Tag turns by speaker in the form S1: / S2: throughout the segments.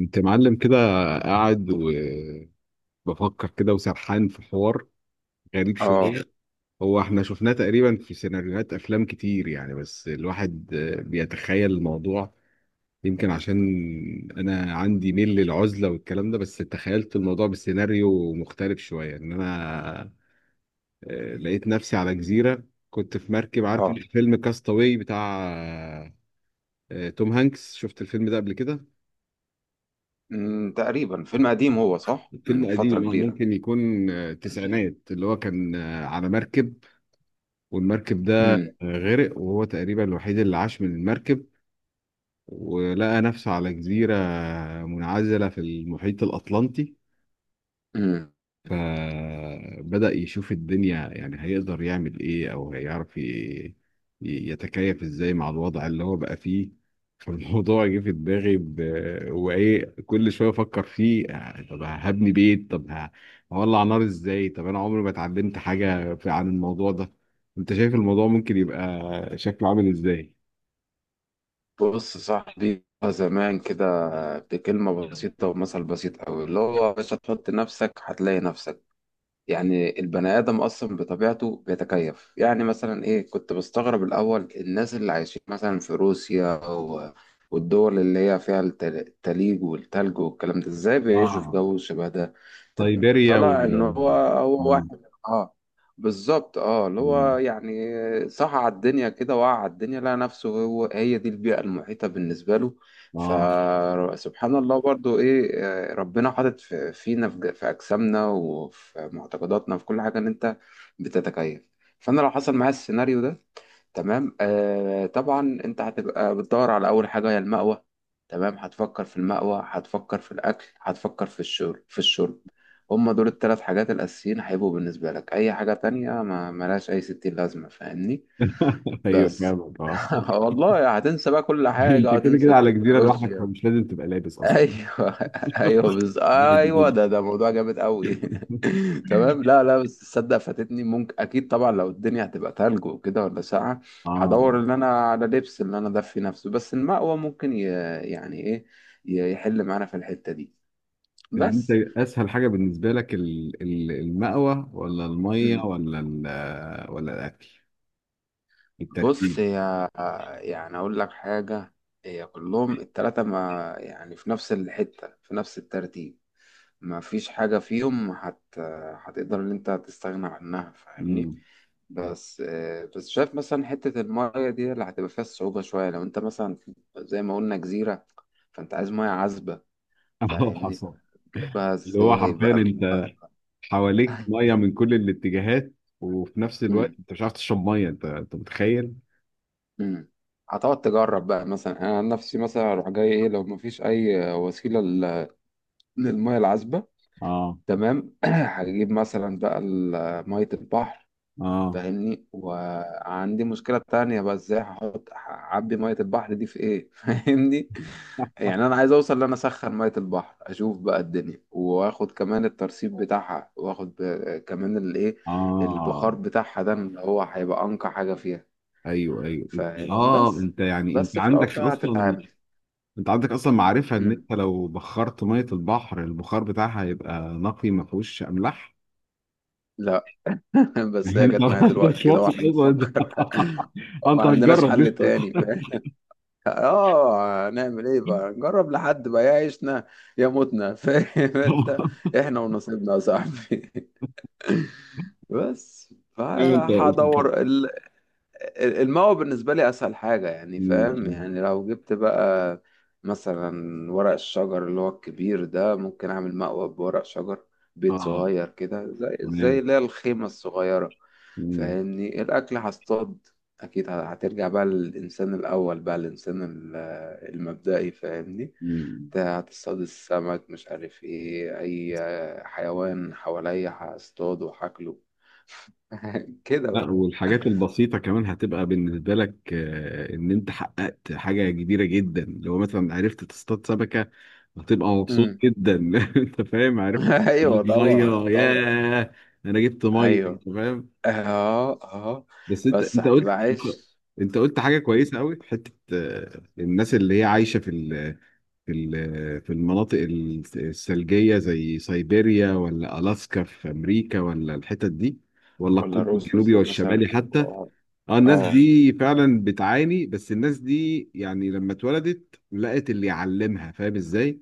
S1: انت معلم كده، قاعد وبفكر كده وسرحان في حوار غريب
S2: اه
S1: شوية. هو احنا شفناه تقريبا في سيناريوهات افلام كتير، يعني بس الواحد بيتخيل الموضوع. يمكن عشان انا عندي ميل للعزلة والكلام ده، بس تخيلت الموضوع بسيناريو مختلف شوية ان انا لقيت نفسي على جزيرة. كنت في مركب، عارف
S2: اه
S1: فيلم كاستاوي بتاع توم هانكس؟ شفت الفيلم ده قبل كده.
S2: أمم، تقريبا فيلم قديم، هو صح،
S1: فيلم
S2: من فترة
S1: قديم، اه
S2: كبيرة.
S1: ممكن يكون تسعينات، اللي هو كان على مركب. والمركب ده
S2: امم
S1: غرق، وهو تقريبا الوحيد اللي عاش من المركب. ولقى نفسه على جزيرة منعزلة في المحيط الأطلنطي.
S2: امم
S1: فبدأ يشوف الدنيا، يعني هيقدر يعمل ايه او هيعرف يتكيف ازاي مع الوضع اللي هو بقى فيه. فالموضوع جه في دماغي. وايه، كل شويه افكر فيه طب هبني بيت، طب هولع نار ازاي؟ طب انا عمري ما اتعلمت حاجه عن الموضوع ده. انت شايف الموضوع ممكن يبقى شكله عامل ازاي؟
S2: بص صاحبي، زمان كده بكلمة بسيطة ومثل بسيط أوي، اللي هو يا باشا تحط نفسك هتلاقي نفسك. يعني البني آدم أصلا بطبيعته بيتكيف. يعني مثلا إيه، كنت بستغرب الأول الناس اللي عايشين مثلا في روسيا والدول اللي هي فيها التليج والتلج والكلام ده، إزاي بيعيشوا في
S1: اه.
S2: جو شبه ده. طب
S1: سيبيريا
S2: طلع إن هو
S1: مم.
S2: واحد آه، بالظبط آه، اللي هو
S1: مم.
S2: يعني صح، على الدنيا كده، وقع على الدنيا لقى نفسه، هو هي دي البيئة المحيطة بالنسبة له.
S1: اه.
S2: فسبحان الله برضو، ايه آه، ربنا حاطط فينا، في اجسامنا وفي معتقداتنا في كل حاجه، ان انت بتتكيف. فانا لو حصل معايا السيناريو ده، تمام آه، طبعا انت هتبقى بتدور على اول حاجه، هي المأوى. تمام، هتفكر في المأوى، هتفكر في الاكل، هتفكر في الشرب. هما دول الثلاث حاجات الاساسيين هيبقوا بالنسبه لك. اي حاجه تانية ما ملهاش اي ستين لازمه، فاهمني؟
S1: ايوه
S2: بس
S1: فاهمك.
S2: والله هتنسى بقى كل
S1: انت
S2: حاجة،
S1: كده
S2: هتنسى
S1: كده على جزيره لوحدك،
S2: التكنولوجيا.
S1: فمش لازم تبقى لابس اصلا.
S2: ايوه ايوه،
S1: حقيقة دي
S2: ايوه،
S1: جدي.
S2: ده موضوع جامد قوي تمام، لا لا، بس تصدق فاتتني؟ ممكن، اكيد طبعا، لو الدنيا هتبقى تلج وكده ولا ساقعه،
S1: اه.
S2: هدور ان انا على لبس اللي انا دفي نفسه. بس المأوى ممكن يعني ايه، يحل معانا في الحتة دي.
S1: يعني انت،
S2: بس
S1: اسهل حاجه بالنسبه لك المأوى ولا الميه
S2: مم.
S1: ولا ولا الاكل؟
S2: بص
S1: الترتيب.
S2: يا، يعني اقول لك حاجة، هي كلهم التلاتة ما يعني في نفس الحتة في نفس الترتيب. ما فيش حاجة فيهم هتقدر ان انت تستغنى عنها، فاهمني؟
S1: امم.
S2: بس آه، بس شايف مثلا حتة المية دي اللي هتبقى فيها الصعوبة شوية. لو انت مثلا زي ما قلنا جزيرة، فانت عايز مية عذبة،
S1: اه.
S2: فاهمني؟
S1: حصل.
S2: تجيبها
S1: اللي هو
S2: ازاي
S1: حرفيا
S2: بقى من
S1: انت
S2: عذبة؟
S1: حواليك ميه من كل الاتجاهات، وفي نفس الوقت
S2: مم،
S1: انت مش عارف تشرب ميه. انت متخيل؟
S2: مم. هتقعد تجرب بقى. مثلا انا عن نفسي، مثلا اروح جاي ايه لو مفيش اي وسيلة للمية العذبة،
S1: اه
S2: تمام. هجيب مثلا بقى مية البحر،
S1: اه
S2: فاهمني؟ وعندي مشكلة تانية بقى، ازاي هحط، هعبي مية البحر دي في ايه؟ فاهمني؟ يعني انا عايز اوصل ان انا اسخن مية البحر، اشوف بقى الدنيا، واخد كمان الترسيب بتاعها، واخد كمان الايه، البخار
S1: اه.
S2: بتاعها، ده اللي هو هيبقى انقى حاجة فيها،
S1: ايوه ايوه.
S2: فاهم؟
S1: اه،
S2: بس،
S1: انت يعني
S2: بس في الاول فعلا هتتعامل.
S1: انت عندك اصلا معرفة ان
S2: مم.
S1: انت لو بخرت مية البحر البخار بتاعها هيبقى نقي ما فيهوش املاح.
S2: لا بس
S1: يعني
S2: هي جت
S1: انت
S2: معايا
S1: انت
S2: دلوقتي
S1: مش
S2: كده
S1: واثق
S2: واحنا
S1: اصلا انت.
S2: بنفكر. ما
S1: انت
S2: عندناش
S1: هتجرب
S2: حل
S1: لسه.
S2: تاني، فاهم؟ اه، نعمل ايه بقى، نجرب لحد بقى يا عيشنا يا موتنا فاهم انت، احنا ونصيبنا يا صاحبي بس
S1: ايوه انت.
S2: فهدور، الماوى بالنسبة لي أسهل حاجة. يعني
S1: مم.
S2: فاهم، يعني لو جبت بقى مثلا ورق الشجر اللي هو الكبير ده، ممكن أعمل مأوى بورق شجر، بيت
S1: اه
S2: صغير كده، زي زي
S1: تمام.
S2: اللي هي الخيمة الصغيرة،
S1: مم.
S2: فاهمني؟ الأكل هصطاد. أكيد هترجع بقى للإنسان الأول بقى، الإنسان المبدئي، فاهمني؟
S1: مم.
S2: انت هتصطاد السمك، مش عارف ايه، أي حيوان حواليا هصطاده وهاكله
S1: لا.
S2: كده.
S1: والحاجات البسيطة كمان هتبقى بالنسبة لك إن أنت حققت حاجة كبيرة جدا لو مثلا عرفت تصطاد سمكة. هتبقى مبسوط
S2: بقى
S1: جدا. أنت فاهم؟ عرفت
S2: ايوه
S1: تجيب
S2: طبعا،
S1: مية،
S2: طبعا.
S1: ياه، أنا جبت مية،
S2: ايوه،
S1: أنت فاهم؟
S2: اه اه،
S1: بس أنت
S2: بس
S1: أنت
S2: هتبقى
S1: قلت
S2: عايز.
S1: أنت قلت حاجة كويسة أوي في حتة الناس اللي هي عايشة في المناطق الثلجية، زي سيبيريا ولا ألاسكا في أمريكا ولا الحتت دي، ولا
S2: ولا
S1: القطب الجنوبي
S2: روسيا مثلا،
S1: والشمالي حتى.
S2: اه
S1: اه، الناس
S2: اه.
S1: دي فعلا بتعاني، بس الناس دي يعني لما اتولدت لقت اللي يعلمها، فاهم ازاي؟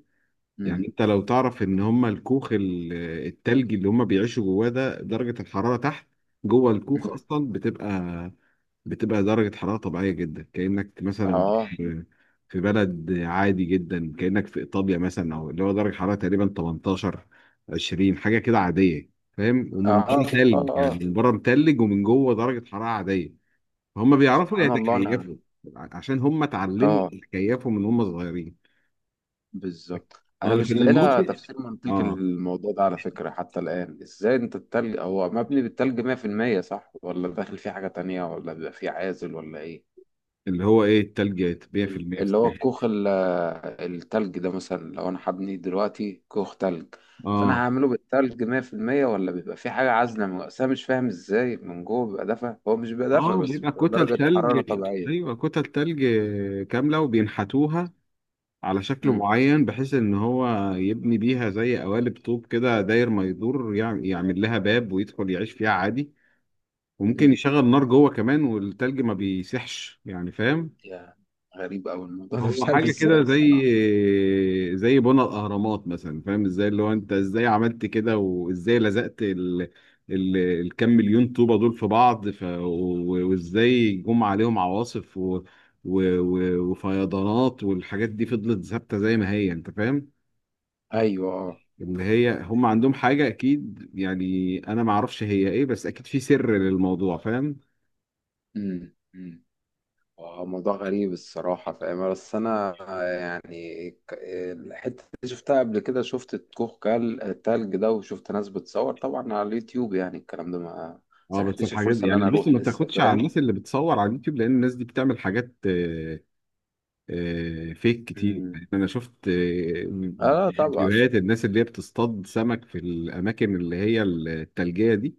S1: يعني
S2: أمم،
S1: انت لو تعرف ان هم الكوخ التلجي اللي هم بيعيشوا جواه ده، درجة الحرارة تحت، جوه الكوخ
S2: أمم.
S1: اصلا بتبقى درجة حرارة طبيعية جدا، كأنك مثلا
S2: اه
S1: في في بلد عادي جدا، كأنك في إيطاليا مثلا، أو اللي هو درجة حرارة تقريبا 18 20 حاجة كده عادية. فاهم؟
S2: اه،
S1: ومن بره
S2: اه
S1: تلج، يعني
S2: اه.
S1: من بره متلج ومن جوه درجة حرارة عادية. هم بيعرفوا
S2: سبحان الله، انا
S1: يتكيفوا عشان هم اتعلموا
S2: اه،
S1: يتكيفوا من هم صغيرين.
S2: بالظبط.
S1: اه
S2: انا
S1: لكن
S2: مش لاقي لها
S1: الموقف،
S2: تفسير منطقي
S1: اه
S2: للموضوع ده على فكره، حتى الان. ازاي انت التلج هو مبني بالتلج 100% صح؟ ولا داخل فيه حاجه تانية، ولا بيبقى فيه عازل ولا ايه؟
S1: اللي هو ايه، التلج 100% في المية في
S2: اللي هو
S1: التلج.
S2: الكوخ التلج ده، مثلا لو انا هبني دلوقتي كوخ تلج، فانا
S1: اه
S2: هعمله بالتلج 100% ولا بيبقى في حاجه عازله أصل انا مش فاهم ازاي من جوه بيبقى دافع. هو مش بيبقى دافع
S1: اه،
S2: بس،
S1: بيبقى
S2: بتبقى
S1: كتل
S2: درجه
S1: تلج،
S2: حراره طبيعيه.
S1: ايوه كتل تلج كامله، وبينحتوها على شكل
S2: امم
S1: معين، بحيث ان هو يبني بيها زي قوالب طوب كده، داير ما يدور، يعمل لها باب ويدخل يعيش فيها عادي. وممكن
S2: امم
S1: يشغل نار جوه كمان، والتلج ما بيسيحش، يعني فاهم؟
S2: يا، غريب قوي الموضوع ده
S1: هو
S2: مش عارف
S1: حاجة
S2: ازاي
S1: كده زي
S2: الصراحه.
S1: زي بنى الأهرامات مثلا، فاهم ازاي؟ اللي هو انت ازاي عملت كده، وازاي لزقت الكام مليون طوبة دول في بعض، وازاي جم عليهم عواصف وفيضانات، والحاجات دي فضلت ثابتة زي ما هي، انت فاهم؟
S2: ايوه اه،
S1: اللي هي هم عندهم حاجة أكيد، يعني أنا ما أعرفش هي إيه، بس أكيد في سر للموضوع، فاهم؟
S2: امم. آه، موضوع غريب الصراحة، فاهم؟ بس أنا يعني الحتة اللي شفتها قبل كده، شفت الكوخ التلج ده، وشفت ناس بتصور طبعا على اليوتيوب، يعني الكلام ده ما
S1: اه بس
S2: سنحتش
S1: الحاجات
S2: الفرصة
S1: دي
S2: اللي أنا
S1: يعني، بص
S2: أروح
S1: ما
S2: لسه،
S1: تاخدش على
S2: فاهم؟
S1: الناس اللي بتصور على اليوتيوب، لأن الناس دي بتعمل حاجات فيك كتير،
S2: مم.
S1: يعني انا شفت
S2: آه طبعا.
S1: فيديوهات الناس اللي هي بتصطاد سمك في الاماكن اللي هي التلجية دي.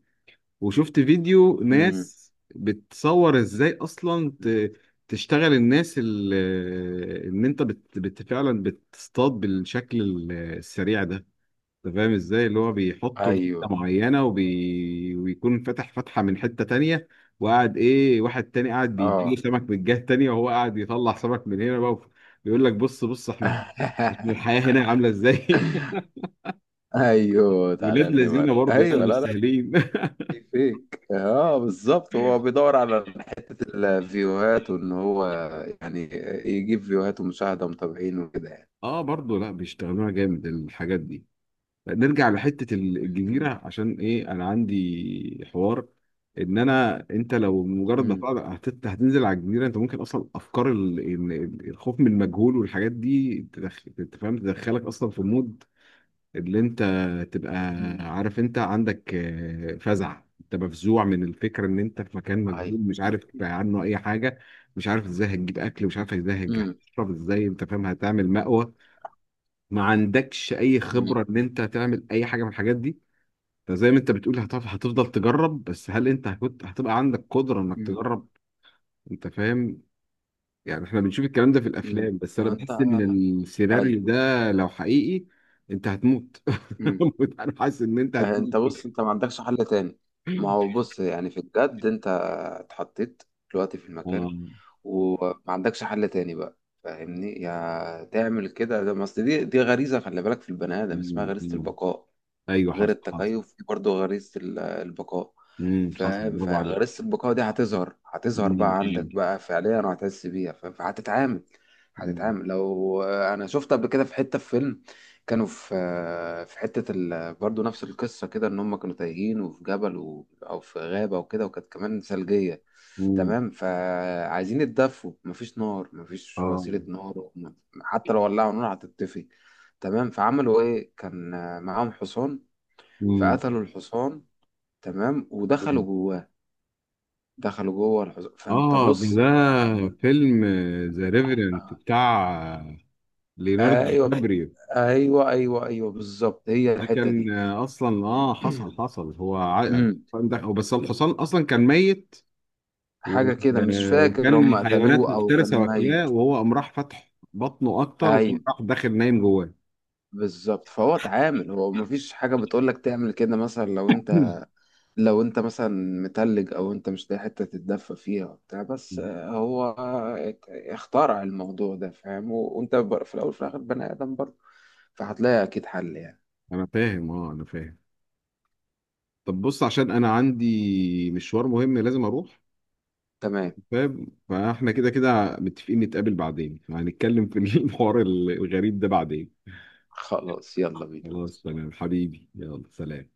S1: وشفت فيديو
S2: مم.
S1: ناس بتصور ازاي اصلا
S2: مم.
S1: تشتغل الناس ان انت فعلا بتصطاد بالشكل السريع ده. انت فاهم ازاي، اللي هو بيحطوا مادة
S2: أيوه،
S1: معينة ويكون فتح فتحة من حتة تانية. وقاعد ايه، واحد تاني قاعد بيديله
S2: آه
S1: سمك من الجهة التانية، وهو قاعد يطلع سمك من هنا بقى. بيقول لك بص بص، احنا الحياة هنا عاملة ازاي؟
S2: ايوه، تعالى
S1: ولاد لذينة
S2: النمر،
S1: برضه، يعني
S2: ايوه،
S1: مش
S2: لا لا،
S1: سهلين.
S2: في فيك اه، بالظبط. هو بيدور على حته الفيوهات، وان هو يعني يجيب فيوهات ومشاهده ومتابعين وكده يعني.
S1: اه برضه، لا بيشتغلوها جامد الحاجات دي. نرجع لحتة الجزيرة،
S2: مم.
S1: عشان ايه؟ انا عندي حوار، ان انا انت لو مجرد ما
S2: مم.
S1: تقعد هتنزل على الجزيرة، انت ممكن اصلا افكار الخوف من المجهول والحاجات دي أنت فاهم، تدخلك اصلا في مود اللي انت تبقى
S2: مم.
S1: عارف انت عندك فزع، انت مفزوع من الفكرة ان انت في مكان
S2: ايوه.
S1: مجهول، مش عارف عنه اي حاجة. مش عارف ازاي هتجيب اكل، مش عارف ازاي
S2: مم.
S1: هتشرب ازاي، انت فاهم؟ هتعمل مأوى، ما عندكش اي
S2: مم.
S1: خبره ان انت تعمل اي حاجه من الحاجات دي. زي ما انت بتقول هتفضل تجرب، بس هل انت هتبقى عندك قدرة انك
S2: مم.
S1: تجرب؟ انت فاهم؟ يعني احنا بنشوف الكلام ده في
S2: مم.
S1: الافلام، بس انا
S2: لو انت،
S1: بحس ان السيناريو
S2: ايوه.
S1: ده لو حقيقي انت هتموت.
S2: مم.
S1: انا حاسس ان انت
S2: آه،
S1: هتموت.
S2: انت بص، انت ما عندكش حل تاني. ما هو بص، يعني في الجد انت اتحطيت دلوقتي في المكان
S1: آه.
S2: وما عندكش حل تاني بقى، فاهمني؟ يا تعمل كده، ده ما اصل دي غريزة، خلي بالك، في البني ادم اسمها
S1: مم.
S2: غريزة
S1: مم.
S2: البقاء.
S1: ايوه
S2: غير
S1: حصل حصل.
S2: التكيف، في برضه غريزة البقاء،
S1: حصل
S2: فاهم؟
S1: برافو عليك.
S2: فغريزة البقاء دي هتظهر،
S1: مم.
S2: هتظهر بقى
S1: مم.
S2: عندك بقى فعليا وهتحس بيها، فاهم؟ فهتتعامل،
S1: مم.
S2: هتتعامل. لو انا شفت قبل كده في حتة في فيلم، كانوا في حتة برضه نفس القصة كده، ان هم كانوا تايهين وفي جبل او في غابة وكده، وكانت كمان ثلجية،
S1: مم.
S2: تمام. فعايزين يتدفوا، مفيش نار، مفيش
S1: اه.
S2: وسيلة نار، حتى لو ولعوا نار هتتطفي، تمام. فعملوا ايه؟ كان معاهم حصان،
S1: مم.
S2: فقتلوا الحصان، تمام، ودخلوا
S1: مم.
S2: جواه. دخلوا جوه الحصان. فانت
S1: اه،
S2: بص
S1: ده
S2: يعني
S1: فيلم ذا ريفرنت بتاع ليوناردو
S2: آه،
S1: دي
S2: ايوه
S1: كابريو.
S2: ايوه ايوه ايوه، بالظبط، هي
S1: ده
S2: الحته
S1: كان
S2: دي.
S1: اصلا، اه حصل حصل،
S2: أمم،
S1: بس الحصان اصلا كان ميت، و-
S2: حاجه كده مش فاكر، هم
S1: وكان حيوانات
S2: قتلوه او
S1: مفترسه
S2: كان
S1: واكلاه،
S2: ميت.
S1: وهو قام راح فتح بطنه اكتر وقام
S2: ايوه
S1: راح داخل نايم جواه.
S2: بالظبط، فهو اتعامل. هو مفيش حاجه بتقول لك تعمل كده، مثلا لو انت، لو انت مثلا متلج او انت مش لاقي حته تتدفى فيها وبتاع، بس آه، هو اخترع الموضوع ده، فاهم؟ وانت في الاول وفي الاخر بني ادم برضه، فهتلاقي أكيد حل يعني.
S1: انا فاهم، اه انا فاهم. طب بص، عشان انا عندي مشوار مهم لازم اروح،
S2: تمام،
S1: فاهم؟ فاحنا كده كده متفقين نتقابل بعدين، هنتكلم في الحوار الغريب ده بعدين.
S2: خلاص يلا بينا.
S1: خلاص تمام حبيبي، يلا سلام.